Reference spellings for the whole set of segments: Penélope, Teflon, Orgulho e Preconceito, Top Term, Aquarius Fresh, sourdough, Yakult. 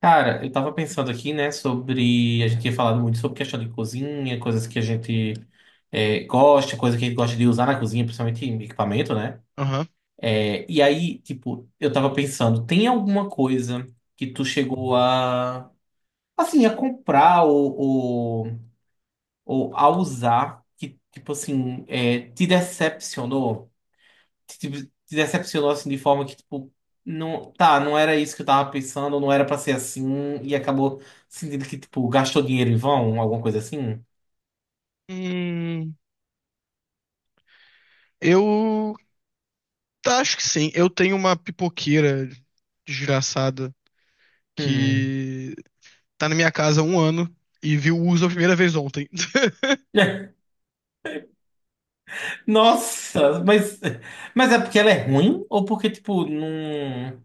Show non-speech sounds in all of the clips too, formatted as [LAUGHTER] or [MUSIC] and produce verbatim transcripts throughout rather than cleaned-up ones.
Cara, eu tava pensando aqui, né, sobre. A gente tinha falado muito sobre questão de cozinha, coisas que a gente é, gosta, coisas que a gente gosta de usar na cozinha, principalmente em equipamento, né? Aham. É, e aí, tipo, eu tava pensando, tem alguma coisa que tu chegou a, assim, a comprar ou, ou, ou a usar que, tipo assim, é, te decepcionou? te, te te decepcionou assim de forma que, tipo, não, tá, não era isso que eu tava pensando, não era pra ser assim, e acabou sentindo que, tipo, gastou dinheiro em vão, alguma coisa assim? Hum, eu tá, acho que sim. Eu tenho uma pipoqueira desgraçada Hum. que tá na minha casa há um ano e viu o uso a primeira vez ontem. [LAUGHS] [LAUGHS] Nossa, mas, mas é porque ela é ruim? Ou porque, tipo, não.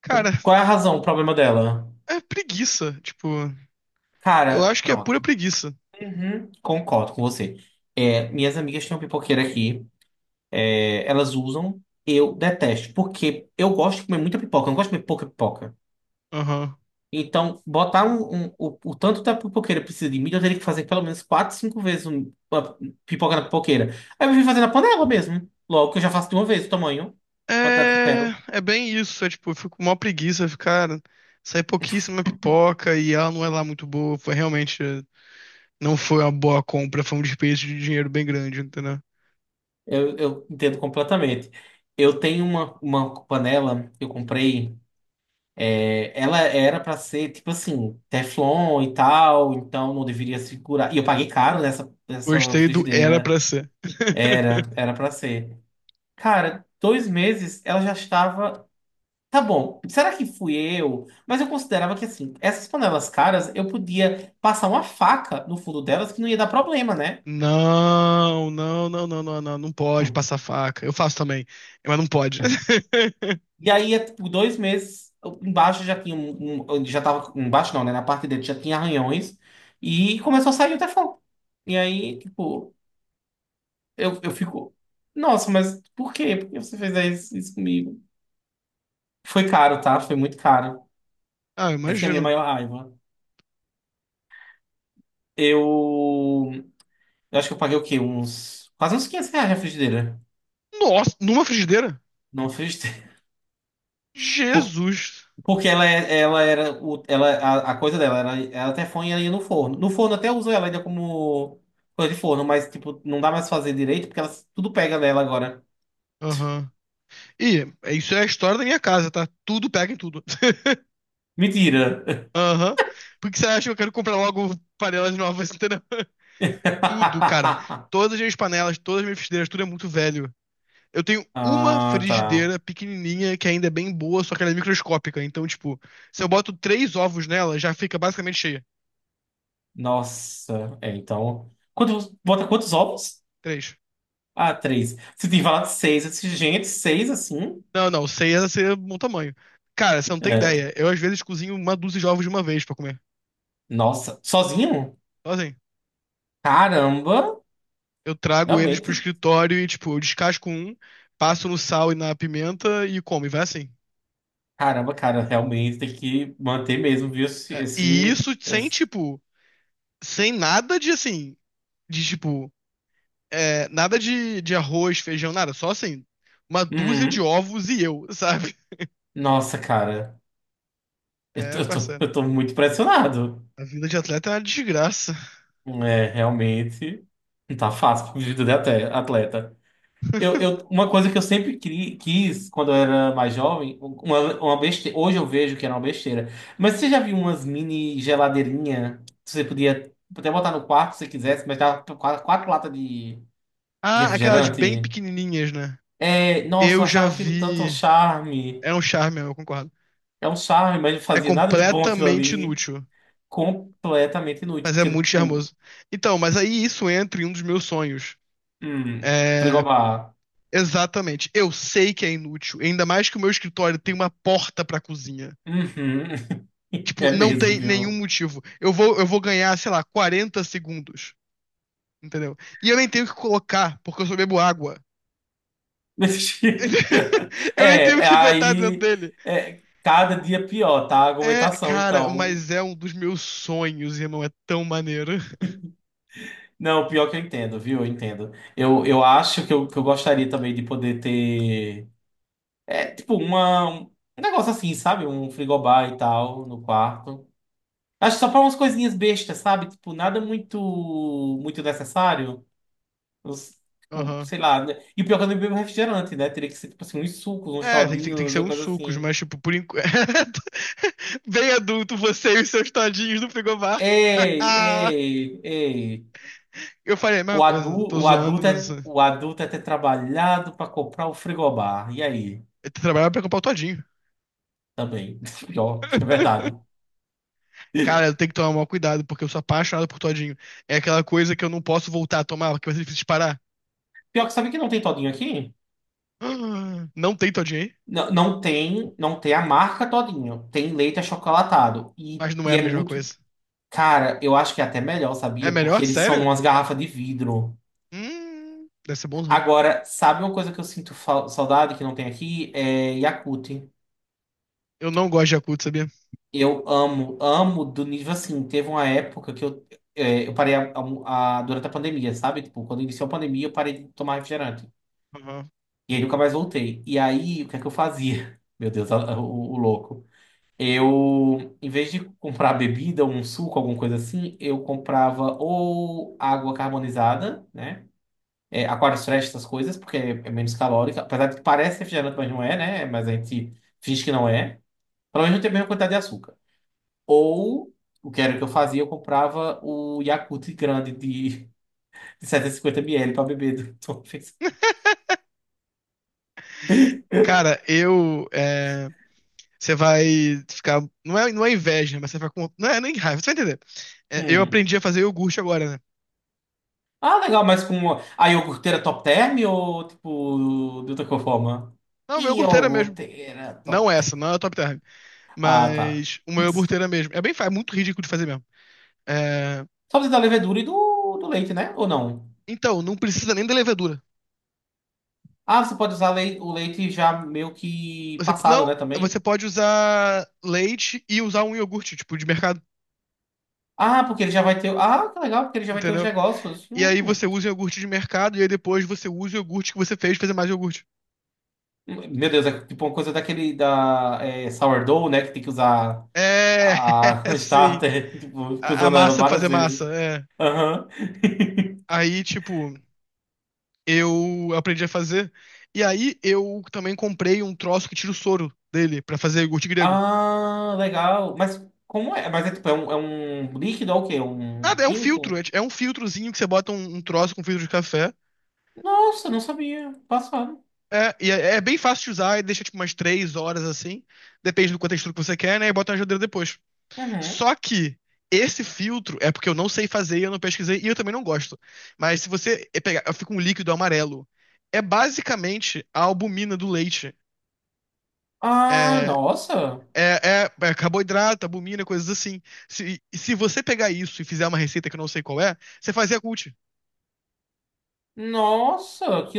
Cara, Qual é a razão, o problema dela? é preguiça. Tipo, eu Cara, acho que é pura pronto. preguiça. Uhum, concordo com você. É, minhas amigas têm uma pipoqueira aqui. É, elas usam. Eu detesto. Porque eu gosto de comer muita pipoca. Eu não gosto de comer pouca pipoca. Aham. Então, botar um, um- o, o tanto da pipoqueira precisa de milho, eu teria que fazer pelo menos quatro cinco vezes um- a pipoca na pipoqueira. Aí eu vim fazer na panela mesmo. Logo que eu já faço de uma vez o tamanho, a quantidade que eu quero. É, é bem isso. É tipo, eu fico com maior preguiça ficar. Sai pouquíssima pipoca e ela não é lá muito boa. Foi realmente. Não foi uma boa compra, foi um desperdício de dinheiro bem grande, entendeu? Eu, eu entendo completamente. Eu tenho uma, uma panela que eu comprei. é, ela era pra ser tipo assim, Teflon e tal, então não deveria segurar. E eu paguei caro nessa, nessa Gostei do era pra frigideira. ser. Era, [LAUGHS] era para ser. Cara, dois meses ela já estava. Tá bom. Será que fui eu? Mas eu considerava que assim, essas panelas caras, eu podia passar uma faca no fundo delas que não ia dar problema, né? Não, não, não, não, não, não, não pode Hum. passar faca. Eu faço também, mas não pode. [LAUGHS] E aí, é, tipo, dois meses eu- embaixo já tinha um, um- um, já tava embaixo não, né? Na parte dele já tinha arranhões e começou a sair o teflon. E aí, tipo, eu, eu fico, nossa, mas por quê? Por que você fez isso, isso comigo? Foi caro, tá? Foi muito caro. Ah, eu Essa que é a minha imagino. maior raiva. Eu, eu acho que eu paguei o quê? Uns quase uns quinhentos reais na frigideira. Nossa, numa frigideira? Não fez tempo. Por- Jesus. Porque ela, é- ela era. o- Ela, a, a coisa dela era. Ela até foi ali no forno. No forno até uso ela ainda como coisa de forno, mas tipo, não dá mais pra fazer direito porque ela, tudo pega nela agora. Aham. E isso é a história da minha casa, tá? Tudo pega em tudo. [LAUGHS] Mentira! Aham. Por que você acha que eu quero comprar logo panelas novas, entendeu? [LAUGHS] Tudo, cara. [LAUGHS] Todas as minhas panelas, todas as minhas frigideiras, tudo é muito velho. Eu tenho uma Ah, tá. frigideira pequenininha que ainda é bem boa, só que ela é microscópica. Então, tipo, se eu boto três ovos nela, já fica basicamente cheia. Nossa. É, então. Quantos, bota quantos ovos? Três. Ah, três. Você tem falado seis. Eu disse, gente, seis assim? Não, não, seis ia ser um bom tamanho. Cara, você não tem É. ideia. Eu às vezes cozinho uma dúzia de ovos de uma vez pra comer. Nossa. Sozinho? Então, assim, Caramba! eu trago eles pro Realmente. escritório e, tipo, eu descasco um, passo no sal e na pimenta e como, e vai assim. Caramba, cara, realmente tem que manter mesmo, viu? Esse, É, e esse, isso sem, esse- tipo, sem nada de, assim, de, tipo, é, nada de, de arroz, feijão, nada. Só, assim, uma dúzia de Uhum. ovos e eu, [LAUGHS] sabe? Nossa, cara, eu tô, É, eu tô, parceiro. eu tô muito impressionado. A vida de atleta é uma desgraça. É, realmente, não tá fácil pra vida de ate- atleta. Eu, [LAUGHS] eu, uma coisa que eu sempre cri- quis quando eu era mais jovem, um, uma, uma besteira, hoje eu vejo que era uma besteira, mas você já viu umas mini geladeirinha que você podia até botar no quarto se você quisesse, mas dava quatro, quatro latas de, de Ah, aquelas bem refrigerante? pequenininhas, né? É, nossa, Eu eu já achava aquilo tanto um vi. charme. É um charme, eu concordo. É um charme, mas não É fazia nada de bom aquilo completamente ali. inútil, Completamente inútil. mas é Porque, muito tipo, charmoso. Então, mas aí isso entra em um dos meus sonhos. hum, É, frigobar. exatamente. Eu sei que é inútil, ainda mais que o meu escritório tem uma porta pra cozinha. Uhum. [LAUGHS] É Tipo, não mesmo, tem nenhum viu? motivo. Eu vou, eu vou ganhar, sei lá, quarenta segundos, entendeu? E eu nem tenho que colocar, porque eu só bebo água. [LAUGHS] [LAUGHS] É, Eu nem tenho é, que botar dentro aí. dele. É, cada dia pior, tá? A É, argumentação, cara, então. mas é um dos meus sonhos, irmão. É tão maneiro. Não, pior que eu entendo, viu? Eu entendo. Eu, eu acho que eu, que eu gostaria também de poder ter. É, tipo, uma, um um negócio assim, sabe? Um frigobar e tal no quarto. Acho que só pra umas coisinhas bestas, sabe? Tipo, nada muito muito necessário. Os- tipo, Aham. sei lá. Né? E o pior é que eu não bebo refrigerante, né? Teria que ser, tipo assim, uns sucos, uns É, tem que, ser- tem que todinhos, ser uma uns coisa sucos, assim. mas, tipo, por enquanto. [LAUGHS] Bem adulto, você e os seus todinhos no frigobar. [LAUGHS] Ei, ei, ei. Eu falei a mesma O coisa, adulto, tô o zoando, adulto mas. é, eh, o adulto é ter trabalhado pra comprar o frigobar. E aí? Eu trabalhava pra comprar o todinho. Também. [LAUGHS] Pior, que é verdade. [LAUGHS] Cara, eu tenho que tomar maior cuidado, porque eu sou apaixonado por todinho. É aquela coisa que eu não posso voltar a tomar, porque vai ser difícil de parar. Pior que sabe que não tem todinho aqui? [GASPS] Não tem todinho aí, Não, não tem, não tem a marca todinho. Tem leite achocolatado. E, mas não é e a é mesma muito coisa. Cara, eu acho que é até melhor, É sabia? Porque melhor? eles são Sério? umas garrafas de vidro. Hum, deve ser bonzão. Agora, sabe uma coisa que eu sinto fal- saudade que não tem aqui? É Yakult. Eu não gosto de Yakult, sabia? Eu amo, amo do nível tipo assim. Teve uma época que eu, é, eu parei a- a- a- durante a pandemia, sabe? Tipo, quando iniciou a pandemia, eu parei de tomar refrigerante. Aham. E aí nunca mais voltei. E aí, o que é que eu fazia? [LAUGHS] Meu Deus, a- o, o louco. Eu, em vez de comprar bebida, um suco, alguma coisa assim, eu comprava ou água carbonizada, né? É, Aquarius Fresh, essas coisas, porque é é menos calórica. Apesar de que parece refrigerante, mas não é, né? Mas a gente finge que não é. Pelo menos não tem a mesma quantidade de açúcar. Ou, o que era que eu fazia, eu comprava o Yakult grande de, [LAUGHS] de setecentos e cinquenta ml pra beber [LAUGHS] de uma vez. [LAUGHS] Cara, eu. é, Você vai ficar. Não é, não é inveja, né, mas você vai com. Não é nem raiva, você vai entender. É, eu Hum. aprendi a fazer iogurte agora, né? Ah, legal, mas com a iogurteira top term ou, tipo, de outra forma? Não, meu iogurteira mesmo. Iogurteira Não top essa, term. não é a Top Term. Ah, tá. Mas uma [LAUGHS] iogurteira mesmo. É bem, fa- é muito ridículo de fazer mesmo. É, Só precisa da levedura e do, do leite, né? Ou não? Então, não precisa nem da levedura. Ah, você pode usar lei- o leite já meio que Você, passado, não, né, você também? pode usar leite e usar um iogurte, tipo, de mercado, Ah, porque ele já vai ter. Ah, que legal, porque ele já vai ter os entendeu? negócios. E aí Hum. você usa o iogurte de mercado e aí depois você usa o iogurte que você fez pra fazer mais iogurte. Meu Deus, é tipo uma coisa daquele da é, sourdough, né? Que tem que usar É, a [LAUGHS] [LAUGHS] sim. starter, tipo, fica A, a usando ela massa pra várias fazer vezes. massa, é. Aham. [LAUGHS] Aí, tipo. Eu aprendi a fazer. E aí eu também comprei um troço que tira o soro dele pra fazer iogurte grego. Ah, legal. Mas como é? Mas é tipo, é um, é um líquido ou o quê? É um Nada, é um filtro, é, químico? é um filtrozinho que você bota um, um troço com filtro de café. Nossa, não sabia. Passado. É, e é, é bem fácil de usar, e deixa tipo umas três horas assim. Depende do quanto textura que você quer, né? E bota na geladeira depois. Uhum. Só que esse filtro é porque eu não sei fazer, eu não pesquisei e eu também não gosto. Mas se você pegar, fica um líquido amarelo. É basicamente a albumina do leite. Ah, é nossa. É, é, é carboidrato, albumina, coisas assim. Se, se você pegar isso e fizer uma receita que eu não sei qual é, você faz Yakult. Nossa, que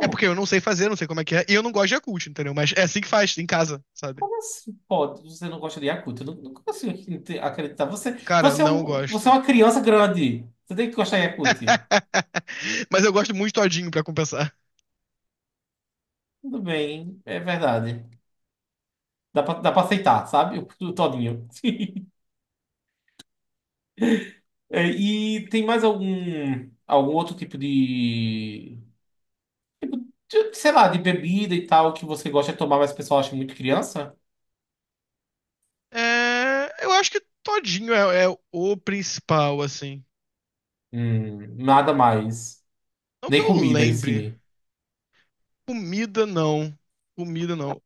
É porque eu não sei fazer, não sei como é que é, e eu não gosto de Yakult, entendeu? Mas é assim que faz, em casa, sabe? Como assim? Pode, você não gosta de Yakult? Eu não, não consigo acredi- acreditar. Você, Cara, você é não um, você gosto. é uma criança grande. Você tem que gostar de Yakult. [LAUGHS] Mas eu gosto muito de todinho pra compensar. Tudo bem, é verdade. Dá pra, dá pra aceitar, sabe? O, o todinho. [LAUGHS] É, e tem mais algum, algum outro tipo de, de, sei lá, de bebida e tal que você gosta de tomar, mas o pessoal acha muito criança? É, eu acho que todinho é, é o principal, assim. Hum, nada mais. Não que Nem eu comida em lembre. si. Comida, não. Comida, não.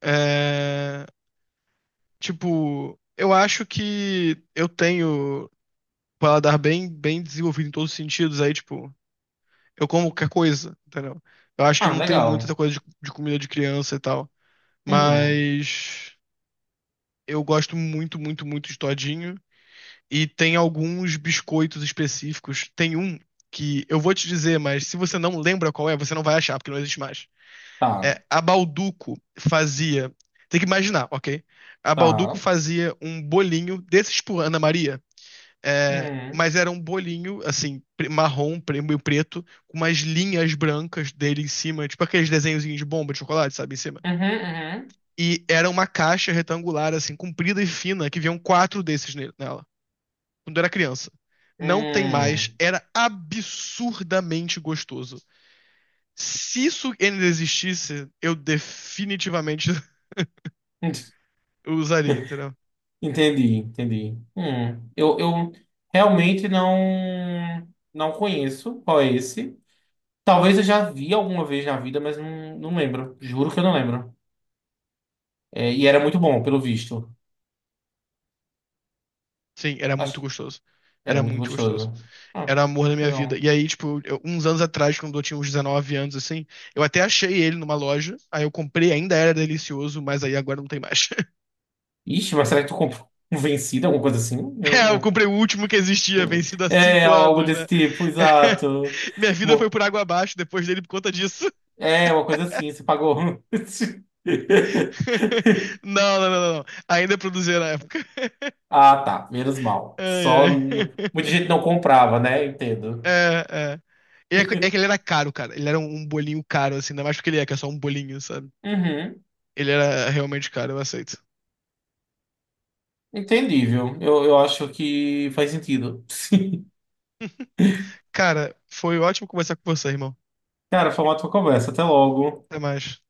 É, tipo, eu acho que eu tenho um paladar bem, bem desenvolvido em todos os sentidos, aí, tipo, eu como qualquer coisa, entendeu? Eu acho que eu Ah, não tenho muita essa legal. coisa de, de comida de criança e tal, Uhum. mas eu gosto muito, muito, muito de todinho. E tem alguns biscoitos específicos. Tem um que eu vou te dizer, mas se você não lembra qual é, você não vai achar, porque não existe mais. Tá, É, a Balduco fazia. Tem que imaginar, ok? A tá. Balduco Uhum. fazia um bolinho desses por Ana Maria. É, mas era um bolinho, assim, pre- marrom, pre- meio preto, com umas linhas brancas dele em cima, tipo aqueles desenhozinhos de bomba de chocolate, sabe, em cima. Uhum, uhum. E era uma caixa retangular, assim, comprida e fina, que vinham quatro desses ne- nela, quando eu era criança. Não tem mais, Hum. era absurdamente gostoso. Se isso ainda existisse, eu definitivamente [LAUGHS] [LAUGHS] usaria, entendeu? Entendi, entendi. Hum. Eu, eu realmente não não conheço qual é esse. Talvez eu já vi alguma vez na vida, mas não, não lembro. Juro que eu não lembro. É, e era muito bom, pelo visto. Sim, era muito Acho, gostoso. era Era muito muito gostoso. gostoso. Ah, Era o amor da minha vida. legal. E aí, tipo, eu- uns anos atrás, quando eu tinha uns dezenove anos, assim, eu até achei ele numa loja. Aí eu comprei, ainda era delicioso, mas aí agora não tem mais. [LAUGHS] Ixi, mas será que tu comprou um vencido, alguma coisa assim? É, eu Eu- comprei o último que existia, [LAUGHS] vencido há É, cinco algo anos, né? desse tipo, exato. [LAUGHS] Minha vida foi Mo- por água abaixo depois dele por conta disso. É, uma coisa assim, você pagou. [LAUGHS] [LAUGHS] Não, não, não, não. Ainda produzia na época. Ah, tá. Menos mal. Ai, Só ai. n- muita [LAUGHS] gente não comprava, né? Entendo. É, é. E É que é que ele era caro, cara. Ele era um um bolinho caro, assim, ainda mais porque ele é, que é só um bolinho, sabe? Uhum. Ele era realmente caro, eu aceito. Entendível. Eu, eu acho que faz sentido. [LAUGHS] Cara, foi ótimo conversar com você, irmão. Cara, foi uma ótima conversa. Até logo. Até mais.